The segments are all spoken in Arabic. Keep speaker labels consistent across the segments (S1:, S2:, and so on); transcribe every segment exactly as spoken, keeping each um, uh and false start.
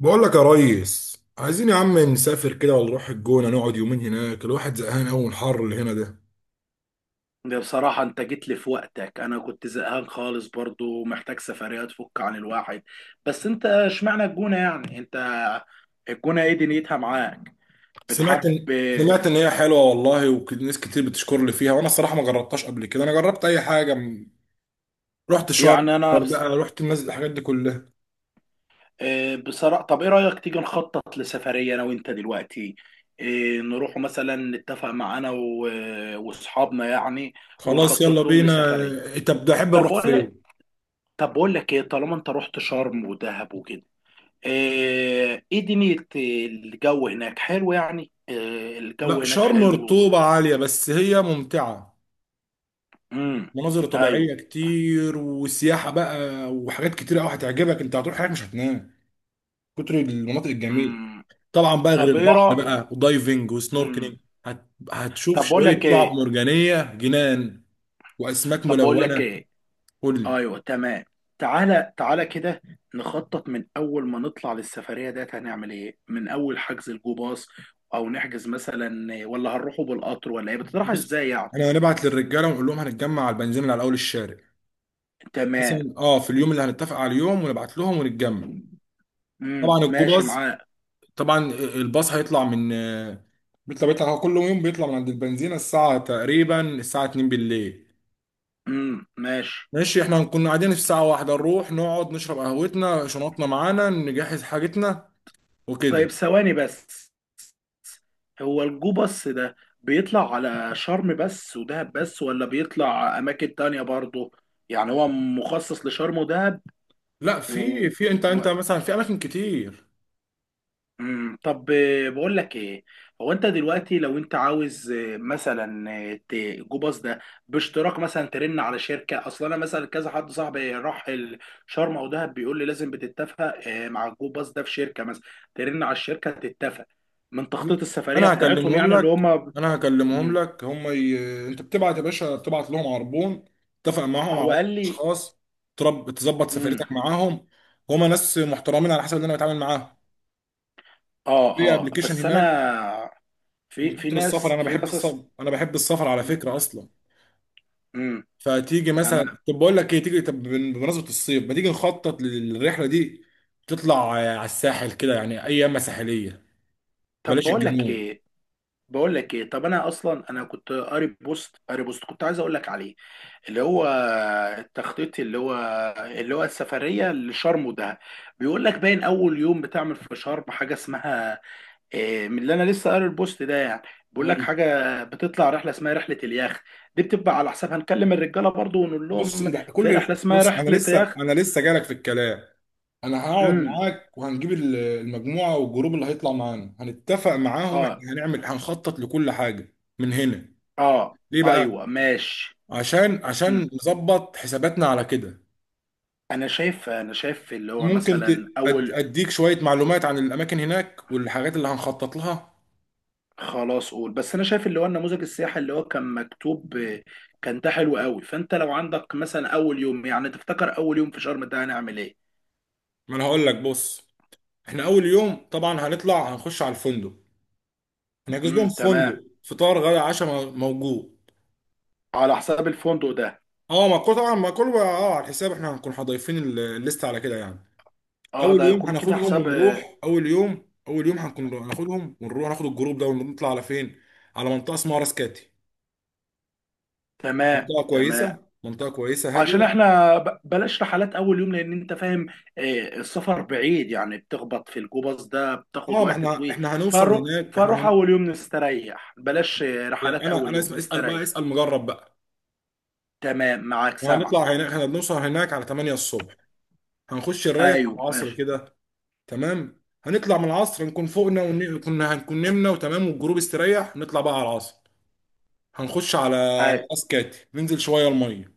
S1: بقول لك يا ريس، عايزين يا عم نسافر كده ولا نروح الجونة نقعد يومين هناك؟ الواحد زهقان قوي من الحر اللي هنا ده.
S2: ده بصراحة أنت جيت لي في وقتك. أنا كنت زهقان خالص برضو محتاج سفرية تفك عن الواحد. بس أنت اشمعنى الجونة يعني أنت؟ الجونة إيه دنيتها معاك؟ بتحب؟
S1: سمعت ان سمعت ان هي حلوة والله، وناس كتير بتشكر لي فيها، وانا الصراحة ما جربتهاش قبل كده. انا جربت اي حاجة، م- رحت شرم،
S2: يعني أنا
S1: الغردقة،
S2: بص...
S1: رحت الناس، الحاجات دي كلها.
S2: آه، بصراحة. طب إيه رأيك تيجي نخطط لسفرية أنا وأنت دلوقتي؟ إيه، نروح مثلا نتفق مع أنا و... وأصحابنا يعني.
S1: خلاص يلا
S2: ونخطط لهم
S1: بينا.
S2: لسفرية.
S1: إيه، طب ده احب
S2: طب
S1: نروح
S2: بقول لك
S1: فين؟
S2: طب بقول لك إيه، طالما أنت رحت شرم ودهب وكده. آه، ايه، دنيا الجو هناك حلو يعني. آه، الجو
S1: لا،
S2: هناك
S1: شرم
S2: حلو.
S1: رطوبة عالية بس هي ممتعة،
S2: امم
S1: مناظر
S2: ايوه.
S1: طبيعية كتير وسياحة بقى، وحاجات كتير قوي هتعجبك. انت هتروح هناك مش هتنام كتر المناطق الجميلة.
S2: امم
S1: طبعا بقى، غير
S2: طب ايه
S1: البحر
S2: رأ
S1: بقى ودايفنج
S2: امم
S1: وسنوركلينج. هت... هتشوف
S2: طب بقول
S1: شويه
S2: لك
S1: شعاب
S2: ايه.
S1: مرجانيه جنان واسماك
S2: طب بقول لك
S1: ملونه.
S2: ايه.
S1: قول لي.
S2: ايوه تمام. تعالى تعالى كده. نخطط من اول ما نطلع للسفرية ديت. هنعمل ايه من اول حجز الجو باص؟ او نحجز مثلا؟ ولا هنروحوا بالقطر ولا ايه؟ بتطرح ازاي
S1: بص،
S2: يعني؟
S1: انا هنبعت للرجاله ونقول لهم هنتجمع على البنزين اللي على اول الشارع
S2: تمام.
S1: مثلا. اه، في اليوم اللي هنتفق على اليوم ونبعت لهم ونتجمع.
S2: امم
S1: طبعا
S2: ماشي
S1: الجوباز،
S2: معاك.
S1: طبعا الباص هيطلع من، بيطلع بيطلع هو كل يوم بيطلع من عند البنزينه الساعه، تقريبا الساعه اثنين بالليل.
S2: امم ماشي.
S1: ماشي، احنا هنكون قاعدين في الساعه واحدة، نروح نقعد نشرب قهوتنا، شنطنا معانا، نجهز حاجتنا
S2: طيب
S1: وكده.
S2: ثواني بس. هو الجوبس ده بيطلع على شرم بس ودهب بس، ولا بيطلع أماكن تانية برضه؟ يعني هو مخصص لشرم ودهب
S1: لا، في
S2: و...
S1: في انت
S2: و...
S1: انت مثلا في اماكن كتير.
S2: مم. طب آه، بقول لك ايه. هو انت دلوقتي لو انت عاوز آه، مثلا آه، ت- الجوباس ده باشتراك مثلا، ترن على شركة. اصلا انا مثلا كذا حد صاحبي راح ال- شرم او دهب بيقول لي لازم بتتفق آه، مع الجوباس ده في شركة مثلا، ترن على الشركة تتفق من تخطيط السفرية
S1: انا
S2: بتاعتهم
S1: هكلمهم
S2: يعني اللي
S1: لك
S2: هما.
S1: انا هكلمهم
S2: مم.
S1: لك هم ي... انت بتبعت يا باشا، بتبعت لهم عربون، اتفق معاهم على
S2: هو
S1: عدد
S2: قال لي.
S1: اشخاص، ترب... تظبط
S2: مم.
S1: سفريتك معاهم. هما ناس محترمين على حسب اللي انا بتعامل معاهم
S2: اه.
S1: في
S2: اه
S1: ابلكيشن
S2: بس
S1: هناك،
S2: انا في
S1: من
S2: في
S1: كتر السفر.
S2: ناس.
S1: انا
S2: في
S1: بحب
S2: ناس أص...
S1: السفر انا بحب السفر على فكره اصلا.
S2: مم.
S1: فتيجي مثلا،
S2: تمام.
S1: طب بقول لك ايه، تيجي طب، بن- بمناسبه الصيف ما تيجي نخطط للرحله دي، تطلع آه، على الساحل كده يعني، اي يمه ساحليه،
S2: طب
S1: بلاش
S2: بقول لك
S1: الجنوب.
S2: ايه، بقول لك ايه. طب انا اصلا انا كنت قاري بوست قاري بوست كنت عايز اقول لك عليه. اللي هو التخطيط، اللي هو اللي هو السفريه لشرم ده، بيقول لك باين اول يوم بتعمل في شرم حاجه اسمها إيه، من اللي انا لسه قاري البوست ده يعني. بيقول لك
S1: أيوة.
S2: حاجه، بتطلع رحله اسمها رحله اليخت. دي بتبقى على حساب، هنكلم الرجاله برضو ونقول
S1: بص، إيه
S2: لهم
S1: ده؟
S2: في
S1: كل
S2: رحله
S1: ال-
S2: اسمها
S1: بص انا
S2: رحله
S1: لسه
S2: يخت.
S1: انا لسه جالك في الكلام. انا هقعد
S2: امم
S1: معاك، وهنجيب ال- المجموعه والجروب اللي هيطلع معانا، هنتفق معاهم،
S2: اه.
S1: احنا هنعمل، هنخطط لكل حاجه من هنا.
S2: اه.
S1: ليه
S2: ايوه
S1: بقى؟
S2: ماشي.
S1: عشان
S2: امم
S1: عشان نظبط حساباتنا على كده.
S2: انا شايف انا شايف اللي هو
S1: ممكن ت-
S2: مثلا
S1: أد-
S2: اول.
S1: اديك شويه معلومات عن الاماكن هناك والحاجات اللي هنخطط لها.
S2: خلاص قول، بس انا شايف اللي هو النموذج السياحي اللي هو كان مكتوب آه، كان ده حلو قوي. فانت لو عندك مثلا اول يوم، يعني تفتكر اول يوم في شرم ده هنعمل ايه؟
S1: ما انا هقول لك، بص. احنا اول يوم طبعا هنطلع، هنخش على الفندق. هنحجز لهم
S2: امم تمام.
S1: فندق، فطار غدا عشاء موجود.
S2: على حساب الفندق ده.
S1: اه، ما كله طبعا، ما كله بقى اه على الحساب. احنا هنكون هضيفين ال- الليست على كده يعني.
S2: اه،
S1: اول
S2: ده
S1: يوم
S2: هيكون كده
S1: هناخدهم، ايوه،
S2: حساب.
S1: ونروح. اول يوم اول يوم هنكون هناخدهم ونروح ناخد الجروب ده ونطلع على فين، على منطقه اسمها راس كاتي.
S2: تمام
S1: منطقه
S2: تمام.
S1: كويسه، منطقه كويسه
S2: عشان
S1: هاديه.
S2: احنا ب- بلاش رحلات اول يوم، لان انت فاهم آه، السفر بعيد يعني، بتخبط في الجوباز ده
S1: اه،
S2: بتاخد
S1: ما
S2: وقت
S1: احنا
S2: طويل.
S1: احنا هنوصل
S2: فاروح
S1: هناك احنا
S2: فاروح
S1: هن...
S2: اول يوم نستريح، بلاش آه،
S1: يعني
S2: رحلات
S1: انا
S2: اول
S1: انا
S2: يوم،
S1: اسم... اسال
S2: نستريح.
S1: بقى اسال مجرب بقى.
S2: تمام، معاك سامع.
S1: وهنطلع هناك، احنا بنوصل هناك على تمانية الصبح، هنخش نريح على
S2: ايوه
S1: العصر
S2: ماشي.
S1: كده. تمام، هنطلع من العصر، نكون فوقنا ون... كنا هنكون نمنا وتمام، والجروب استريح، نطلع بقى على العصر، هنخش على
S2: ايوه.
S1: راس كاتي، ننزل شويه الميه.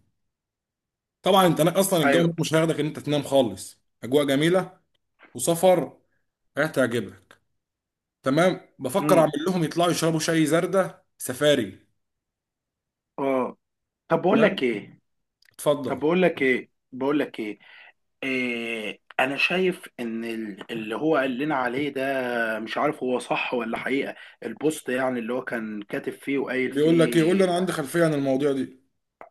S1: طبعا انت هناك اصلا، الجو
S2: ايوه.
S1: هناك مش هياخدك ان انت تنام خالص، اجواء جميله وسفر، هتعجبك. تمام، بفكر
S2: امم
S1: اعمل لهم يطلعوا يشربوا شاي زردة سفاري.
S2: اه. طب بقول
S1: تمام،
S2: لك ايه.
S1: اتفضل.
S2: طب بقول لك ايه بقول لك ايه، إيه انا شايف ان ال- اللي هو قال لنا عليه، مش عارف هو صح ولا حقيقة، البوست يعني اللي هو كان كاتب فيه وقايل
S1: بيقول لك ايه؟ قول لي،
S2: فيه.
S1: انا عندي خلفيه عن المواضيع دي.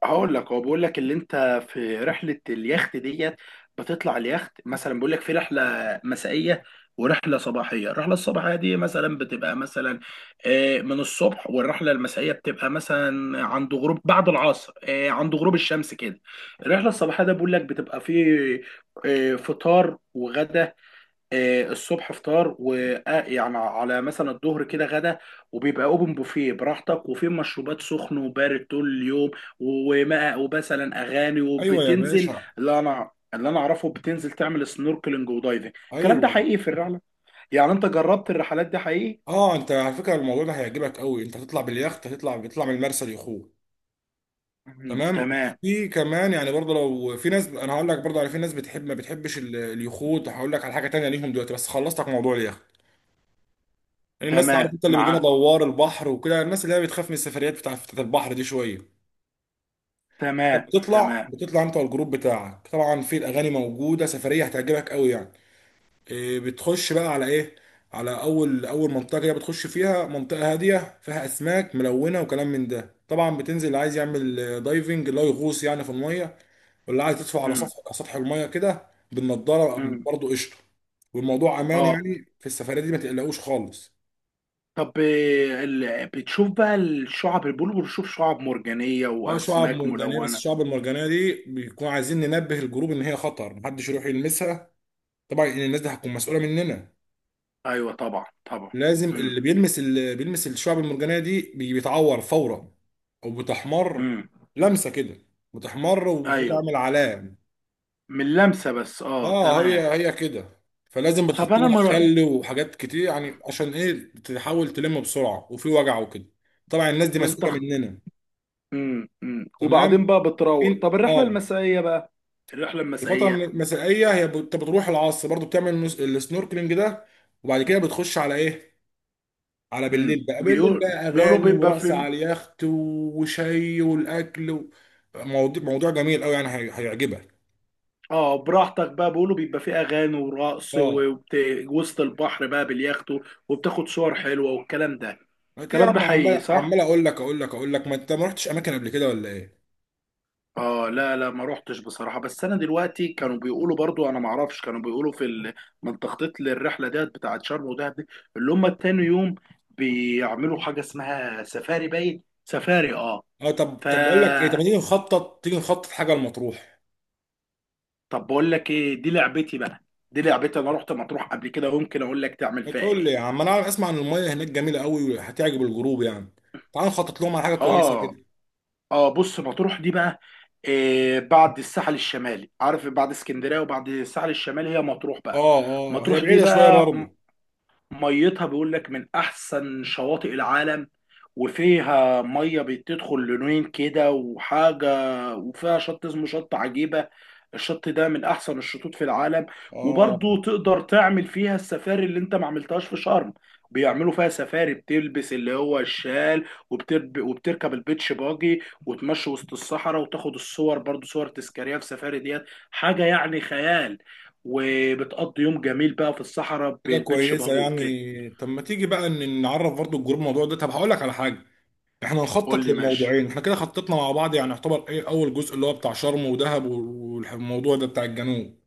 S2: هقول لك، هو بيقول لك اللي انت في رحلة اليخت ديت بتطلع اليخت مثلا، بيقول لك في رحلة مسائية ورحلة صباحية. الرحلة الصباحية دي مثلا بتبقى مثلا آه، من الصبح، والرحلة المسائية بتبقى مثلا عند غروب بعد العصر، آه، عند غروب الشمس كده. الرحلة الصباحية ده بيقول لك بتبقى فيه آه، فطار وغدا. آه، الصبح فطار ويعني على مثلا الظهر كده غدا. وبيبقى اوبن بوفيه براحتك، وفي مشروبات سخن وبارد طول اليوم، وماء، ومثلا اغاني،
S1: ايوه يا
S2: وبتنزل
S1: باشا،
S2: اللي انا اللي انا اعرفه بتنزل تعمل سنوركلينج ودايفنج. الكلام ده
S1: ايوه.
S2: حقيقي في الرحله؟ يعني انت جربت الرحلات دي حقيقي؟
S1: اه، انت على فكره الموضوع ده هيعجبك قوي. انت هتطلع باليخت، هتطلع بتطلع من المرسى ليخوت.
S2: مم،
S1: تمام،
S2: تمام.
S1: في كمان يعني برضه، لو في ناس، انا هقول لك برضه على، في ناس بتحب، ما بتحبش ال- اليخوت، هقول لك على حاجه تانية ليهم دلوقتي، بس خلصتك موضوع اليخت. يعني الناس، عارف
S2: تمام
S1: انت، اللي بيجوا لنا
S2: مع
S1: دوار البحر وكده، الناس اللي هي بتخاف من السفريات بتاع، بتاعت البحر دي شويه. طب،
S2: تمام
S1: بتطلع
S2: تمام.
S1: بتطلع انت والجروب بتاعك، طبعا في الاغاني موجوده، سفريه هتعجبك قوي يعني. إيه، بتخش بقى على ايه؟ على اول، اول منطقه كده بتخش فيها، منطقه هاديه فيها اسماك ملونه وكلام من ده. طبعا بتنزل، اللي عايز يعمل آه، دايفنج اللي هو يغوص يعني في الميه، واللي عايز يطفو على
S2: مم.
S1: سطح على سطح الميه كده بالنضاره،
S2: مم.
S1: برضه قشطه. والموضوع امان
S2: اه.
S1: يعني في السفريه دي، ما تقلقوش خالص.
S2: طب آه، ال- بتشوف بقى الشعب البلو، بتشوف شعب مرجانية
S1: اه، شعاب
S2: وأسماك
S1: مرجانيه، بس
S2: ملونة.
S1: الشعاب المرجانيه دي بيكون عايزين ننبه الجروب ان هي خطر، محدش يروح يلمسها. طبعا ان الناس دي هتكون مسؤوله مننا.
S2: ايوه طبعا طبعا.
S1: لازم
S2: امم
S1: اللي بيلمس اللي بيلمس الشعاب المرجانيه دي، بي- بيتعور فورا، او بتحمر
S2: امم
S1: لمسه كده، بتحمر
S2: ايوه.
S1: وبتعمل علامه.
S2: من لمسه بس، اه
S1: اه، هي
S2: تمام.
S1: هي كده. فلازم
S2: طب
S1: بتحط
S2: انا
S1: لها
S2: مر...
S1: خل وحاجات كتير يعني، عشان ايه، تحاول تلم بسرعه، وفي وجع وكده. طبعا الناس دي
S2: من
S1: مسؤوله
S2: تخت.
S1: مننا.
S2: امم امم
S1: تمام،
S2: وبعدين بقى بتروق.
S1: فين؟
S2: طب الرحله
S1: اه،
S2: المسائيه بقى؟ الرحله
S1: الفتره الم-
S2: المسائيه.
S1: المسائيه، هي بت- بتروح العصر برضو، بتعمل نس- السنوركلينج ده، وبعد كده بتخش على ايه، على بالليل
S2: امم
S1: بقى. بالليل
S2: بيقول
S1: بقى
S2: بيقولوا
S1: اغاني
S2: بيبقى
S1: ورقص
S2: في،
S1: على اليخت، وشاي والاكل و... موضوع موضوع جميل قوي يعني، هي- هيعجبك.
S2: اه براحتك بقى، بيقولوا بيبقى في اغاني ورقص
S1: اه،
S2: وبت... وسط البحر بقى باليخت، وبتاخد صور حلوه والكلام ده.
S1: ما إنت يا
S2: الكلام ده
S1: عم،
S2: حقيقي
S1: عمال
S2: صح؟
S1: عمال اقول لك اقول لك اقول لك، ما انت ما رحتش اماكن قبل كده ولا ايه؟
S2: اه لا لا، ما روحتش بصراحة. بس انا دلوقتي كانوا بيقولوا برضو، انا ما اعرفش، كانوا بيقولوا في ال... من تخطيط للرحلة ديت بتاعت شرم ودهب دي اللي هم تاني يوم بيعملوا حاجة اسمها سفاري. باين سفاري اه.
S1: اه، طب
S2: ف
S1: طب بقول لك ايه، طب ما تيجي نخطط، تيجي نخطط حاجه لمطروح؟
S2: طب بقول لك ايه، دي لعبتي بقى. دي لعبتي، انا رحت مطروح قبل كده وممكن اقول لك تعمل فيها
S1: بتقول لي يا
S2: ايه.
S1: عم، انا عارف، اسمع ان الميه هناك جميله قوي وهتعجب الجروب يعني. تعال نخطط لهم على حاجه كويسه
S2: اه
S1: كده.
S2: اه. بص، مطروح دي بقى إيه بعد الساحل الشمالي، عارف، بعد اسكندرية وبعد الساحل الشمالي هي مطروح بقى.
S1: اه، اه، هي
S2: مطروح دي
S1: بعيده شويه
S2: بقى
S1: برضه.
S2: ميتها بيقول لك من احسن شواطئ العالم، وفيها ميه بتدخل لونين كده وحاجه، وفيها شط اسمه شط عجيبه. الشط ده من احسن الشطوط في العالم.
S1: اه،
S2: وبرضو تقدر تعمل فيها السفاري اللي انت ما عملتهاش في شرم. بيعملوا فيها سفاري، بتلبس اللي هو الشال وبترب... وبتركب البيتش باجي وتمشي وسط الصحراء وتاخد الصور، برضو صور تذكاريه في سفاري ديت. حاجه يعني خيال. وبتقضي يوم جميل بقى في الصحراء
S1: حاجه
S2: بالبيتش
S1: كويسه
S2: باجي وكده.
S1: يعني. طب ما تيجي بقى ان نعرف برضه الجروب الموضوع ده، طب هقول لك على حاجه. احنا
S2: قول
S1: نخطط
S2: لي ماشي.
S1: للموضوعين، احنا كده خططنا مع بعض يعني يعتبر، ايه اول جزء اللي هو بتاع شرم ودهب، والموضوع ده بتاع الجنوب.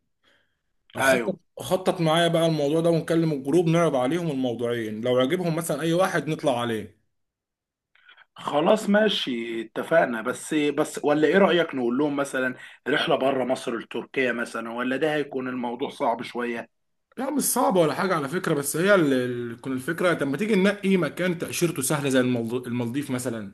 S1: خطط
S2: ايوه.
S1: خطط معايا بقى الموضوع ده، ونكلم الجروب، نعرض عليهم الموضوعين، لو عجبهم مثلا اي واحد نطلع عليه.
S2: خلاص ماشي اتفقنا. بس بس ولا ايه رأيك، نقول لهم مثلا رحلة بره مصر لتركيا مثلا، ولا ده هيكون الموضوع صعب شوية؟
S1: لا، مش صعبة ولا حاجة على فكرة، بس هي، ال- ال- تكون الفكرة، طب ما تيجي ننقي مكان تأشيرته سهلة زي المالد- المالديف مثلا.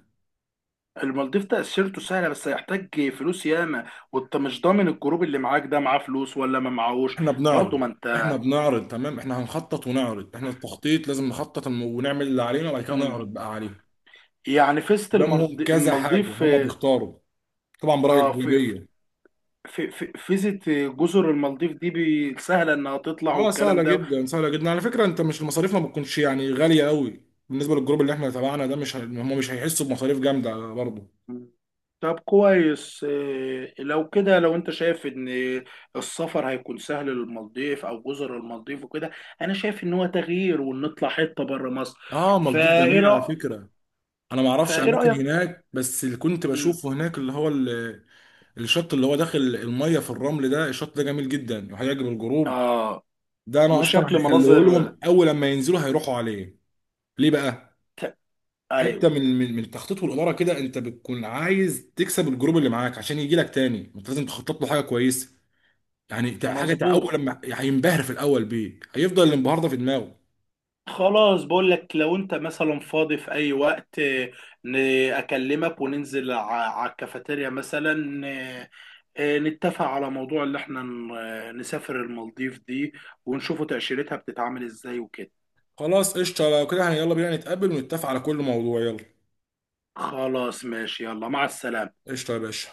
S2: المالديف تأشيرته سهلة، بس هيحتاج فلوس ياما، وانت مش ضامن الجروب اللي معاك ده معاه فلوس ولا ما معاهوش.
S1: احنا
S2: برضه
S1: بنعرض
S2: ما
S1: احنا
S2: انت.
S1: بنعرض تمام، احنا هنخطط ونعرض، احنا التخطيط لازم نخطط الم- ونعمل اللي علينا وبعد كده نعرض
S2: مم.
S1: بقى عليهم.
S2: يعني فيزة المرض-
S1: قدامهم كذا حاجة،
S2: المالديف.
S1: هما بيختاروا، طبعا برأي
S2: اه في في
S1: الأغلبية.
S2: في في- فيزة جزر المالديف دي بي- سهلة انها تطلع
S1: اه، سهله
S2: والكلام ده.
S1: جدا سهله جدا على فكره، انت مش، المصاريف ما بتكونش يعني غاليه قوي. بالنسبه للجروب اللي احنا تبعنا ده، مش ه- هم مش هيحسوا بمصاريف جامده برضه.
S2: مم. طب كويس. إيه، لو كده، لو انت شايف ان السفر هيكون سهل للمالديف او جزر المالديف وكده، انا شايف ان هو تغيير ونطلع حته بره مصر.
S1: اه، مالديف
S2: فايه
S1: جميل على
S2: رأ...
S1: فكره. انا ما اعرفش
S2: فايه
S1: اماكن
S2: رأيك؟
S1: هناك، بس اللي كنت
S2: مم.
S1: بشوفه هناك اللي هو ال- الشط اللي هو داخل الميه في الرمل ده، الشط ده جميل جدا وهيعجب الجروب.
S2: اه.
S1: ده انا اصلا
S2: وشكل
S1: هخليه
S2: مناظر
S1: لهم اول لما ينزلوا هيروحوا عليه. ليه بقى؟
S2: ت...
S1: حته
S2: ايوه
S1: من من من التخطيط والاداره كده، انت بتكون عايز تكسب الجروب اللي معاك عشان يجي لك تاني، انت لازم تخطط له حاجه كويسه يعني. تع- حاجه تع- اول
S2: مظبوط.
S1: لما هينبهر في الاول بيك، هيفضل الانبهار ده في دماغه.
S2: خلاص، بقول لك، لو انت مثلا فاضي في اي وقت آه، ن- اكلمك وننزل على الكافيتيريا مثلا، آه، آه، نتفق على موضوع اللي احنا ن- آه، نسافر المالديف دي، ونشوفوا تأشيرتها بتتعامل ازاي وكده.
S1: خلاص قشطه لو كده يعني، يلا بينا نتقابل ونتفق على كل موضوع، يلا.
S2: خلاص ماشي، يلا مع السلامة.
S1: قشطه يا باشا.